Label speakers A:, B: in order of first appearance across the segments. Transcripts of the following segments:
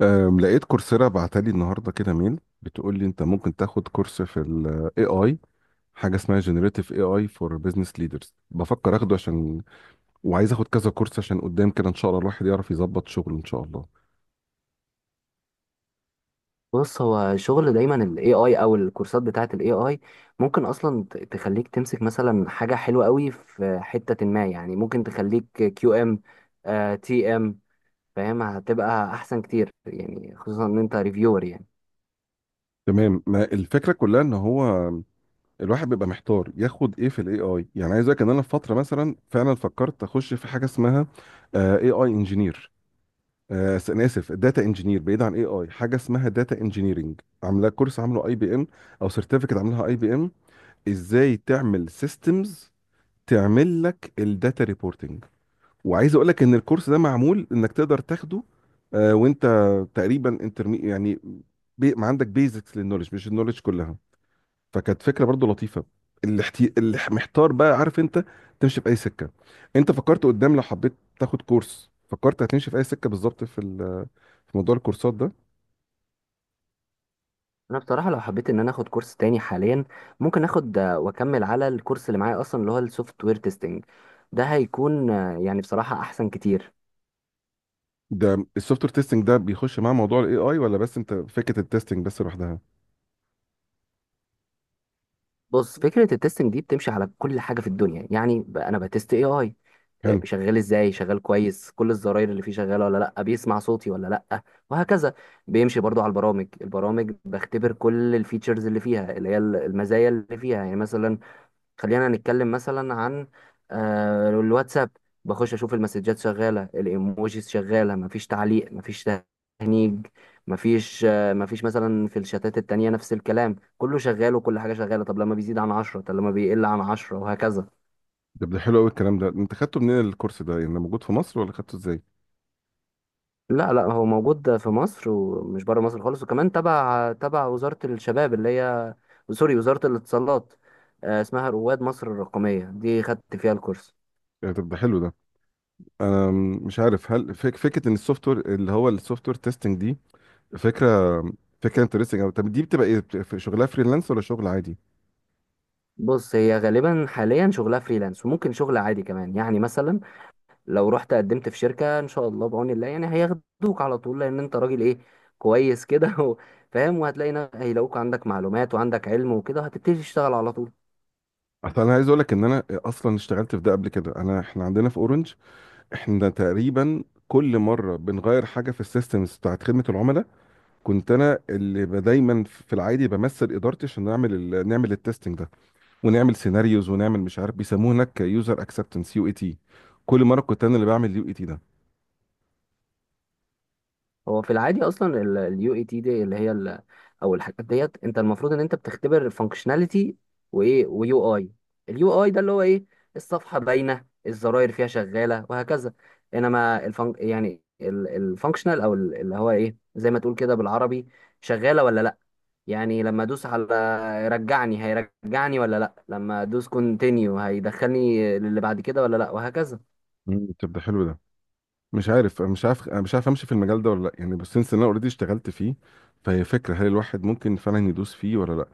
A: لقيت كورسيرا بعتلي النهارده كده ميل بتقول لي انت ممكن تاخد كورس في الاي اي، حاجه اسمها جنريتيف اي اي فور بزنس ليدرز. بفكر اخده عشان وعايز اخد كذا كورس عشان قدام كده ان شاء الله الواحد يعرف يظبط شغله ان شاء الله.
B: بص، هو شغل دايما ال AI او الكورسات بتاعة ال AI ممكن اصلا تخليك تمسك مثلا حاجة حلوة قوي في حتة ما، يعني ممكن تخليك QM، TM، فاهم؟ هتبقى احسن كتير يعني، خصوصا ان انت ريفيور يعني.
A: تمام، ما الفكره كلها ان هو الواحد بيبقى محتار ياخد ايه في الاي اي. يعني عايز اقول لك ان انا في فتره مثلا فعلا فكرت اخش في حاجه اسمها اي اي انجينير. انا اسف، داتا انجينير، بعيد عن اي اي. حاجه اسمها داتا انجينيرنج، عاملاه كورس، عامله اي بي ام او سيرتيفيكت، عاملها اي بي ام، ازاي تعمل سيستمز تعمل لك الداتا ريبورتنج. وعايز اقول لك ان الكورس ده معمول انك تقدر تاخده وانت تقريبا انترمي، يعني بي ما عندك بيزكس للنولج مش النولج كلها. فكانت فكره برضو لطيفه. اللي محتار بقى عارف انت تمشي في اي سكه. انت فكرت قدام لو حبيت تاخد كورس، فكرت هتمشي في اي سكه بالظبط في موضوع الكورسات ده؟
B: انا بصراحة لو حبيت ان انا اخد كورس تاني حاليا، ممكن اخد واكمل على الكورس اللي معايا اصلا، اللي هو السوفت وير تيستنج. ده هيكون يعني بصراحة احسن كتير.
A: ده السوفت وير تيستنج ده بيخش مع موضوع الاي اي، ولا بس انت فكره التيستنج بس لوحدها؟
B: بص، فكرة التستنج دي بتمشي على كل حاجة في الدنيا، يعني انا بتست AI
A: حلو.
B: شغال ازاي، شغال كويس، كل الزراير اللي فيه شغاله ولا لا، بيسمع صوتي ولا لا، وهكذا. بيمشي برضو على البرامج بختبر كل الفيتشرز اللي فيها، اللي هي المزايا اللي فيها. يعني مثلا خلينا نتكلم مثلا عن الواتساب. بخش اشوف المسجات شغاله، الايموجيز شغاله، مفيش تعليق، مفيش تهنيج، مفيش مثلا في الشتات التانية نفس الكلام كله شغال، وكل حاجة شغالة. طب لما بيزيد عن 10، طب لما بيقل عن 10، وهكذا.
A: ده حلو قوي الكلام ده. انت خدته منين الكورس ده، يعني ده موجود في مصر ولا خدته ازاي؟
B: لا لا، هو موجود في مصر، ومش بره مصر خالص. وكمان تبع وزارة الشباب اللي هي، سوري، وزارة الاتصالات. اسمها رواد مصر الرقمية، دي خدت فيها الكورس.
A: يعني طب ده حلو ده. انا مش عارف هل فكره ان السوفت وير، اللي هو السوفت وير تيستنج، دي فكره، فكره انترستنج. او طب دي بتبقى ايه، في شغلها فريلانس ولا شغل عادي؟
B: بص، هي غالبا حاليا شغلها فريلانس، وممكن شغل عادي كمان. يعني مثلا لو رحت قدمت في شركة ان شاء الله بعون الله، يعني هياخدوك على طول، لان انت راجل ايه، كويس كده فاهم. وهتلاقي هيلاقوك عندك معلومات وعندك علم وكده، هتبتدي تشتغل على طول.
A: اصل انا عايز اقول لك ان انا اصلا اشتغلت في ده قبل كده. احنا عندنا في اورنج، احنا تقريبا كل مره بنغير حاجه في السيستمز بتاعت خدمه العملاء. كنت انا اللي دايما في العادي بمثل ادارتي عشان نعمل نعمل التستنج ده، ونعمل سيناريوز، ونعمل مش عارف بيسموه هناك، يوزر اكسبتنس، يو اي تي. كل مره كنت انا اللي بعمل يو اي تي ده.
B: هو في العادي اصلا اليو اي تي دي، اللي هي ال، او الحاجات ديت، انت المفروض ان انت بتختبر فانكشناليتي وايه ويو اي. اليو اي ده اللي هو ايه؟ الصفحه باينه، الزراير فيها شغاله، وهكذا. انما الفن، يعني الفانكشنال او اللي هو ايه، زي ما تقول كده بالعربي، شغاله ولا لا. يعني لما ادوس على رجعني هيرجعني ولا لا، لما ادوس كونتينيو هيدخلني للي بعد كده ولا لا، وهكذا.
A: طب ده حلو ده. مش عارف امشي في المجال ده ولا لا، يعني بس سنس إن انا اوريدي اشتغلت فيه. فهي فكره، هل الواحد ممكن فعلا يدوس فيه ولا لا؟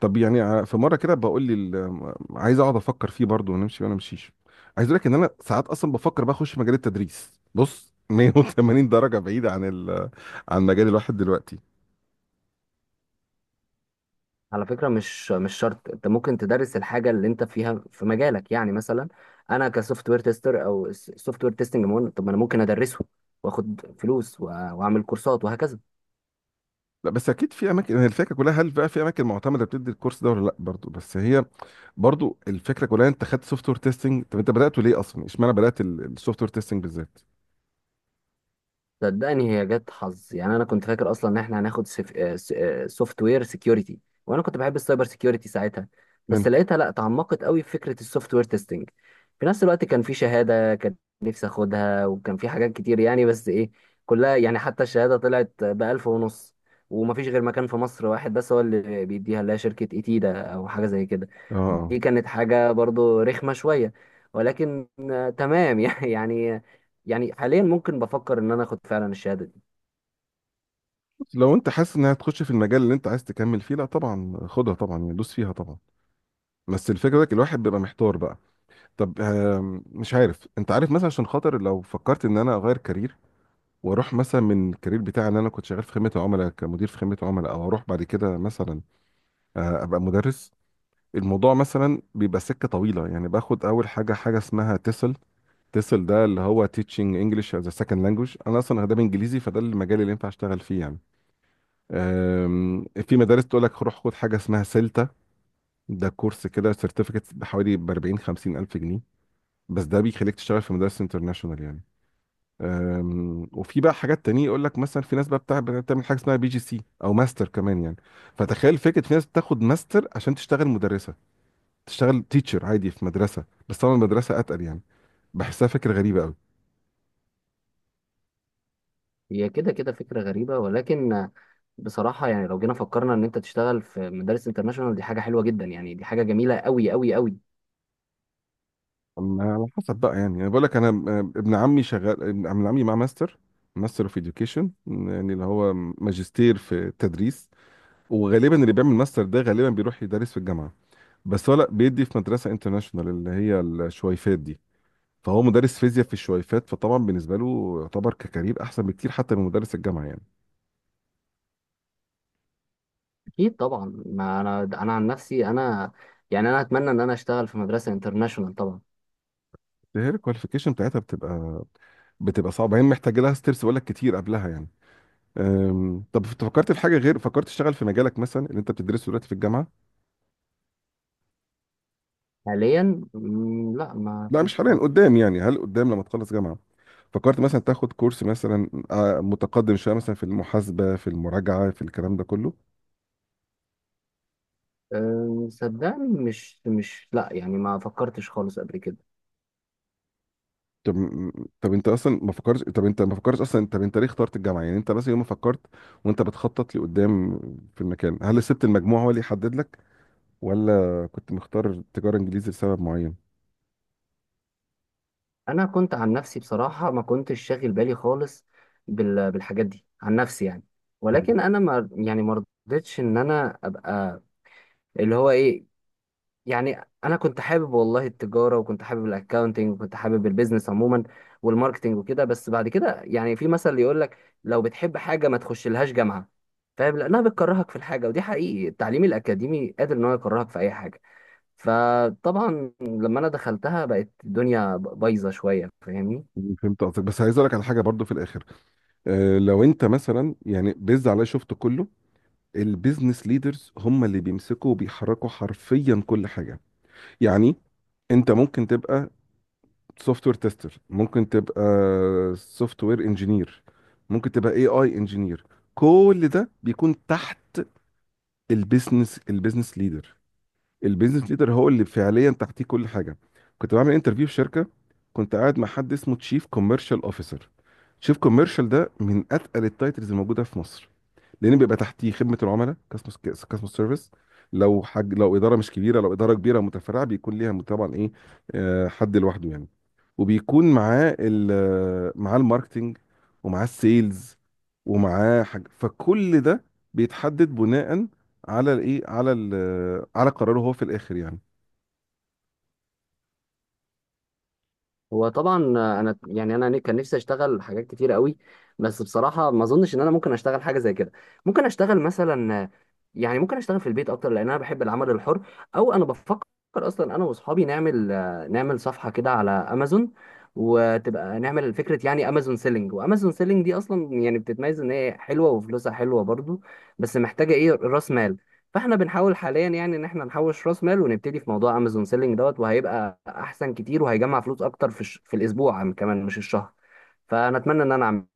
A: طب يعني في مره كده بقول لي عايز اقعد افكر فيه برضه ونمشي ولا امشيش. عايز اقول لك ان انا ساعات اصلا بفكر بقى اخش مجال التدريس، بص، 180 درجه بعيد عن عن مجال الواحد دلوقتي.
B: على فكرة، مش شرط. انت ممكن تدرس الحاجة اللي انت فيها في مجالك، يعني مثلا انا كسوفت وير تيستر او سوفت وير تيستنج، طب ما انا ممكن ادرسه، واخد فلوس واعمل كورسات وهكذا.
A: لا بس اكيد في اماكن، هي الفكره كلها هل بقى في اماكن معتمده بتدي الكورس ده ولا لا برضو؟ بس هي برضو الفكره كلها، انت خدت سوفت وير تيستنج، طب انت بداته ليه اصلا، اشمعنى بدات السوفت وير تيستنج بالذات
B: صدقني هي جت حظ، يعني انا كنت فاكر اصلا ان احنا هناخد سوفت وير سكيورتي، وانا كنت بحب السايبر سكيورتي ساعتها. بس
A: هنا؟
B: لقيتها لا، تعمقت قوي في فكره السوفت وير تيستنج. في نفس الوقت كان في شهاده كان نفسي اخدها، وكان في حاجات كتير يعني، بس ايه، كلها يعني. حتى الشهاده طلعت بألف ونص، ومفيش غير مكان في مصر واحد بس هو اللي بيديها، اللي هي شركه ايتيدا، او حاجه زي كده.
A: اه، آه.
B: دي كانت حاجه برضو رخمه شويه، ولكن تمام يعني. يعني حاليا ممكن بفكر ان انا اخد فعلا الشهاده دي.
A: لو انت حاسس انها هتخش في المجال اللي انت عايز تكمل فيه، لا طبعا خدها طبعا، يعني دوس فيها طبعا. بس الفكره ده الواحد بيبقى محتار بقى. طب مش عارف، انت عارف مثلا عشان خاطر لو فكرت ان انا اغير كارير، واروح مثلا من الكارير بتاعي ان انا كنت شغال في خدمه العملاء كمدير في خدمه عملاء، او اروح بعد كده مثلا ابقى مدرس. الموضوع مثلا بيبقى سكه طويله، يعني باخد اول حاجه، حاجه اسمها تسل. تسل ده اللي هو teaching English as a second language. انا اصلا اداب انجليزي، فده المجال اللي ينفع اشتغل فيه يعني. في مدارس تقول لك روح خد حاجه اسمها سيلتا. ده كورس كده، سيرتيفيكت بحوالي ب 40 50 الف جنيه، بس ده بيخليك تشتغل في مدارس انترناشونال يعني. وفي بقى حاجات تانية يقول لك مثلا في ناس بقى بتاع بتعمل حاجه اسمها بي جي سي او ماستر كمان يعني. فتخيل فكره، في ناس بتاخد ماستر عشان تشتغل مدرسه، تشتغل تيتشر عادي في مدرسه، بس طبعا المدرسه اتقل يعني. بحسها فكره غريبه قوي.
B: هي كده كده فكره غريبه، ولكن بصراحه، يعني لو جينا فكرنا ان انت تشتغل في مدارس انترناشونال، دي حاجه حلوه جدا يعني، دي حاجه جميله قوي قوي قوي.
A: أما على حسب بقى يعني، انا بقول لك انا ابن عمي شغال، ابن عمي مع ماستر، ماستر اوف اديوكيشن، يعني اللي هو ماجستير في التدريس. وغالبا اللي بيعمل ماستر ده غالبا بيروح يدرس في الجامعه، بس هو لا بيدي في مدرسه انترناشونال اللي هي الشويفات دي. فهو مدرس فيزياء في الشويفات، فطبعا بالنسبه له يعتبر ككارير احسن بكتير حتى من مدرس الجامعه يعني.
B: اكيد طبعا، ما انا، انا عن نفسي انا، يعني انا اتمنى ان انا اشتغل في مدرسه انترناشونال طبعا.
A: هي الكواليفيكيشن بتاعتها بتبقى صعبه، هي محتاجه لها ستيبس بقول لك كتير قبلها يعني. طب انت فكرت في حاجه غير، فكرت تشتغل في مجالك مثلا اللي انت بتدرسه دلوقتي في الجامعه؟
B: حاليا لا ما
A: لا مش
B: فيش
A: حاليا،
B: خالص.
A: قدام يعني، هل قدام لما تخلص جامعه فكرت مثلا تاخد كورس مثلا متقدم شويه مثلا في المحاسبه، في المراجعه، في الكلام ده كله؟
B: صدقني مش مش لا، يعني ما فكرتش خالص قبل كده.
A: طب م- طب انت اصلا ما فكرتش. طب انت ما فكرتش اصلا طب انت ليه اخترت الجامعه يعني؟ انت مثلا يوم ما فكرت وانت بتخطط لقدام في المكان، هل سبت المجموع هو اللي يحدد لك، ولا كنت مختار تجاره انجليزي لسبب معين؟
B: انا كنت عن نفسي بصراحه ما كنتش شاغل بالي خالص بالحاجات دي عن نفسي يعني. ولكن انا ما، يعني ما رضيتش ان انا ابقى اللي هو ايه. يعني انا كنت حابب والله التجاره، وكنت حابب الاكاونتنج، وكنت حابب البيزنس عموما والماركتنج وكده. بس بعد كده يعني في مثل يقول لك، لو بتحب حاجه ما تخش لهاش جامعه، فاهم، لانها بتكرهك في الحاجه. ودي حقيقي، التعليم الاكاديمي قادر ان هو يكرهك في اي حاجه. فطبعا لما انا دخلتها بقت الدنيا بايظه شويه، فاهمني.
A: مم. فهمت قصدك، بس عايز اقول لك على حاجه برضو في الاخر. لو انت مثلا يعني بيز عليا شفت كله، البيزنس ليدرز هم اللي بيمسكوا وبيحركوا حرفيا كل حاجه. يعني انت ممكن تبقى سوفت وير تيستر، ممكن تبقى سوفت وير انجينير، ممكن تبقى اي اي انجينير، كل ده بيكون تحت البيزنس، البيزنس ليدر. البيزنس ليدر هو اللي فعليا تحتيه كل حاجه. كنت بعمل انترفيو في شركه، كنت قاعد مع حد اسمه تشيف كوميرشال اوفيسر. تشيف كوميرشال ده من اتقل التايتلز الموجوده في مصر، لان بيبقى تحتيه خدمه العملاء، كاستمر سيرفيس. لو حاج، لو اداره مش كبيره، لو اداره كبيره متفرعه بيكون ليها طبعا ايه، حد لوحده يعني. وبيكون معاه الماركتنج، ومعاه السيلز، ومعاه حاجه، فكل ده بيتحدد بناء على الايه على ال على قراره هو في الاخر يعني.
B: هو طبعا انا، يعني انا كان نفسي اشتغل حاجات كتير قوي، بس بصراحه ما اظنش ان انا ممكن اشتغل حاجه زي كده. ممكن اشتغل مثلا، يعني ممكن اشتغل في البيت اكتر، لان انا بحب العمل الحر. او انا بفكر اصلا انا واصحابي نعمل صفحه كده على امازون، وتبقى نعمل فكره يعني امازون سيلينج. وامازون سيلينج دي اصلا يعني بتتميز ان هي حلوه وفلوسها حلوه برضو، بس محتاجه ايه، راس مال. فاحنا بنحاول حاليا يعني ان احنا نحوش راس مال ونبتدي في موضوع امازون سيلينج دوت، وهيبقى احسن كتير، وهيجمع فلوس اكتر في في الاسبوع، كمان مش الشهر. فانا اتمنى ان انا اعمل.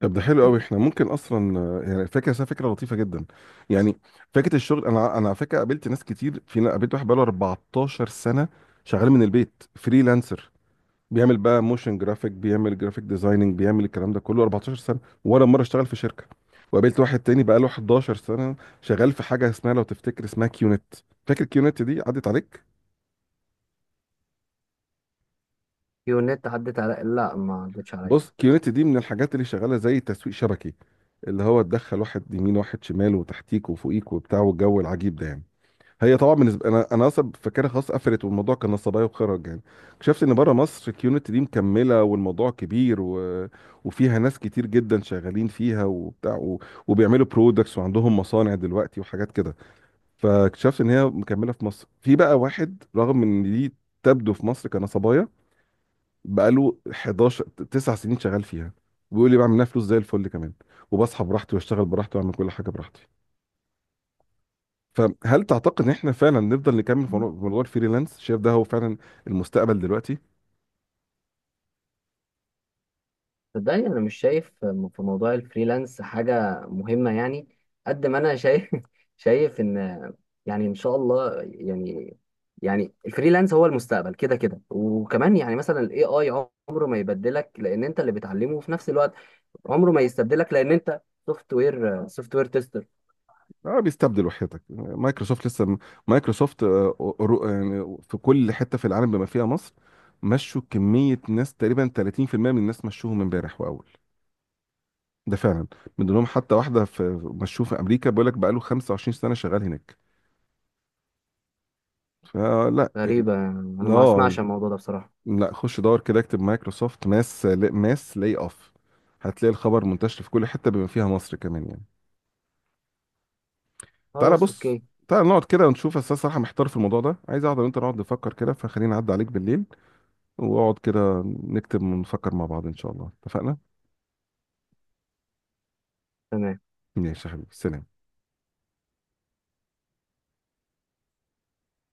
A: طب ده حلو قوي. احنا ممكن اصلا يعني فكره، بس هي فكره لطيفه جدا يعني، فكره الشغل. انا على فكره قابلت ناس كتير، في قابلت واحد بقاله 14 سنه شغال من البيت فريلانسر، بيعمل بقى موشن جرافيك، بيعمل جرافيك ديزايننج، بيعمل الكلام ده كله 14 سنه، ولا مره اشتغل في شركه. وقابلت واحد تاني بقاله 11 سنه، شغال في حاجه اسمها، لو تفتكر اسمها، كيونت. فاكر كيونت دي عدت عليك؟
B: النت عدت على، لا ما عدتش عليا.
A: بص، كيونت دي من الحاجات اللي شغاله زي تسويق شبكي، اللي هو تدخل واحد يمين واحد شمال وتحتيك وفوقيك وبتاع والجو العجيب ده يعني. هي طبعا بالنسبه انا اصلا فاكرها خلاص قفلت، والموضوع كان نصبايا وخرج يعني. اكتشفت ان بره مصر الكيونت دي مكمله، والموضوع كبير وفيها ناس كتير جدا شغالين فيها وبتاع وبيعملوا برودكتس وعندهم مصانع دلوقتي وحاجات كده. فاكتشفت ان هي مكمله في مصر، في بقى واحد رغم ان دي تبدو في مصر كنصبايا، بقاله 11 9 سنين شغال فيها، وبيقول لي بعمل منها فلوس زي الفل كمان، وبصحى براحتي واشتغل براحتي واعمل كل حاجه براحتي. فهل تعتقد ان احنا فعلا نفضل نكمل في موضوع، الفريلانس، شايف ده هو فعلا المستقبل دلوقتي؟
B: صدقني انا مش شايف في موضوع الفريلانس حاجه مهمه يعني. قد ما انا شايف شايف ان، يعني ان شاء الله يعني. يعني الفريلانس هو المستقبل كده كده. وكمان يعني مثلا الاي اي عمره ما يبدلك، لان انت اللي بتعلمه في نفس الوقت. عمره ما يستبدلك لان انت سوفت وير تيستر.
A: اه بيستبدل، وحياتك مايكروسوفت لسه، مايكروسوفت يعني في كل حته في العالم بما فيها مصر مشوا كميه ناس، تقريبا 30% من الناس مشوهم امبارح واول. ده فعلا، من ضمنهم حتى واحده في، مشوه في امريكا، بيقول لك بقاله 25 سنه شغال هناك، فلا.
B: غريبه انا ما
A: اه،
B: اسمعش عن الموضوع ده بصراحه.
A: لا خش دور كده اكتب مايكروسوفت ماس لاي اوف، هتلاقي الخبر منتشر في كل حته بما فيها مصر كمان يعني. تعالى
B: خلاص
A: بص،
B: اوكي.
A: تعالى نقعد كده ونشوف. أساس صراحة محتار في الموضوع ده، عايز أقعد وأنت نقعد نفكر كده، فخليني أعدي عليك بالليل، وأقعد كده نكتب ونفكر مع بعض إن شاء الله، اتفقنا؟
B: تمام.
A: ماشي يا حبيبي، سلام.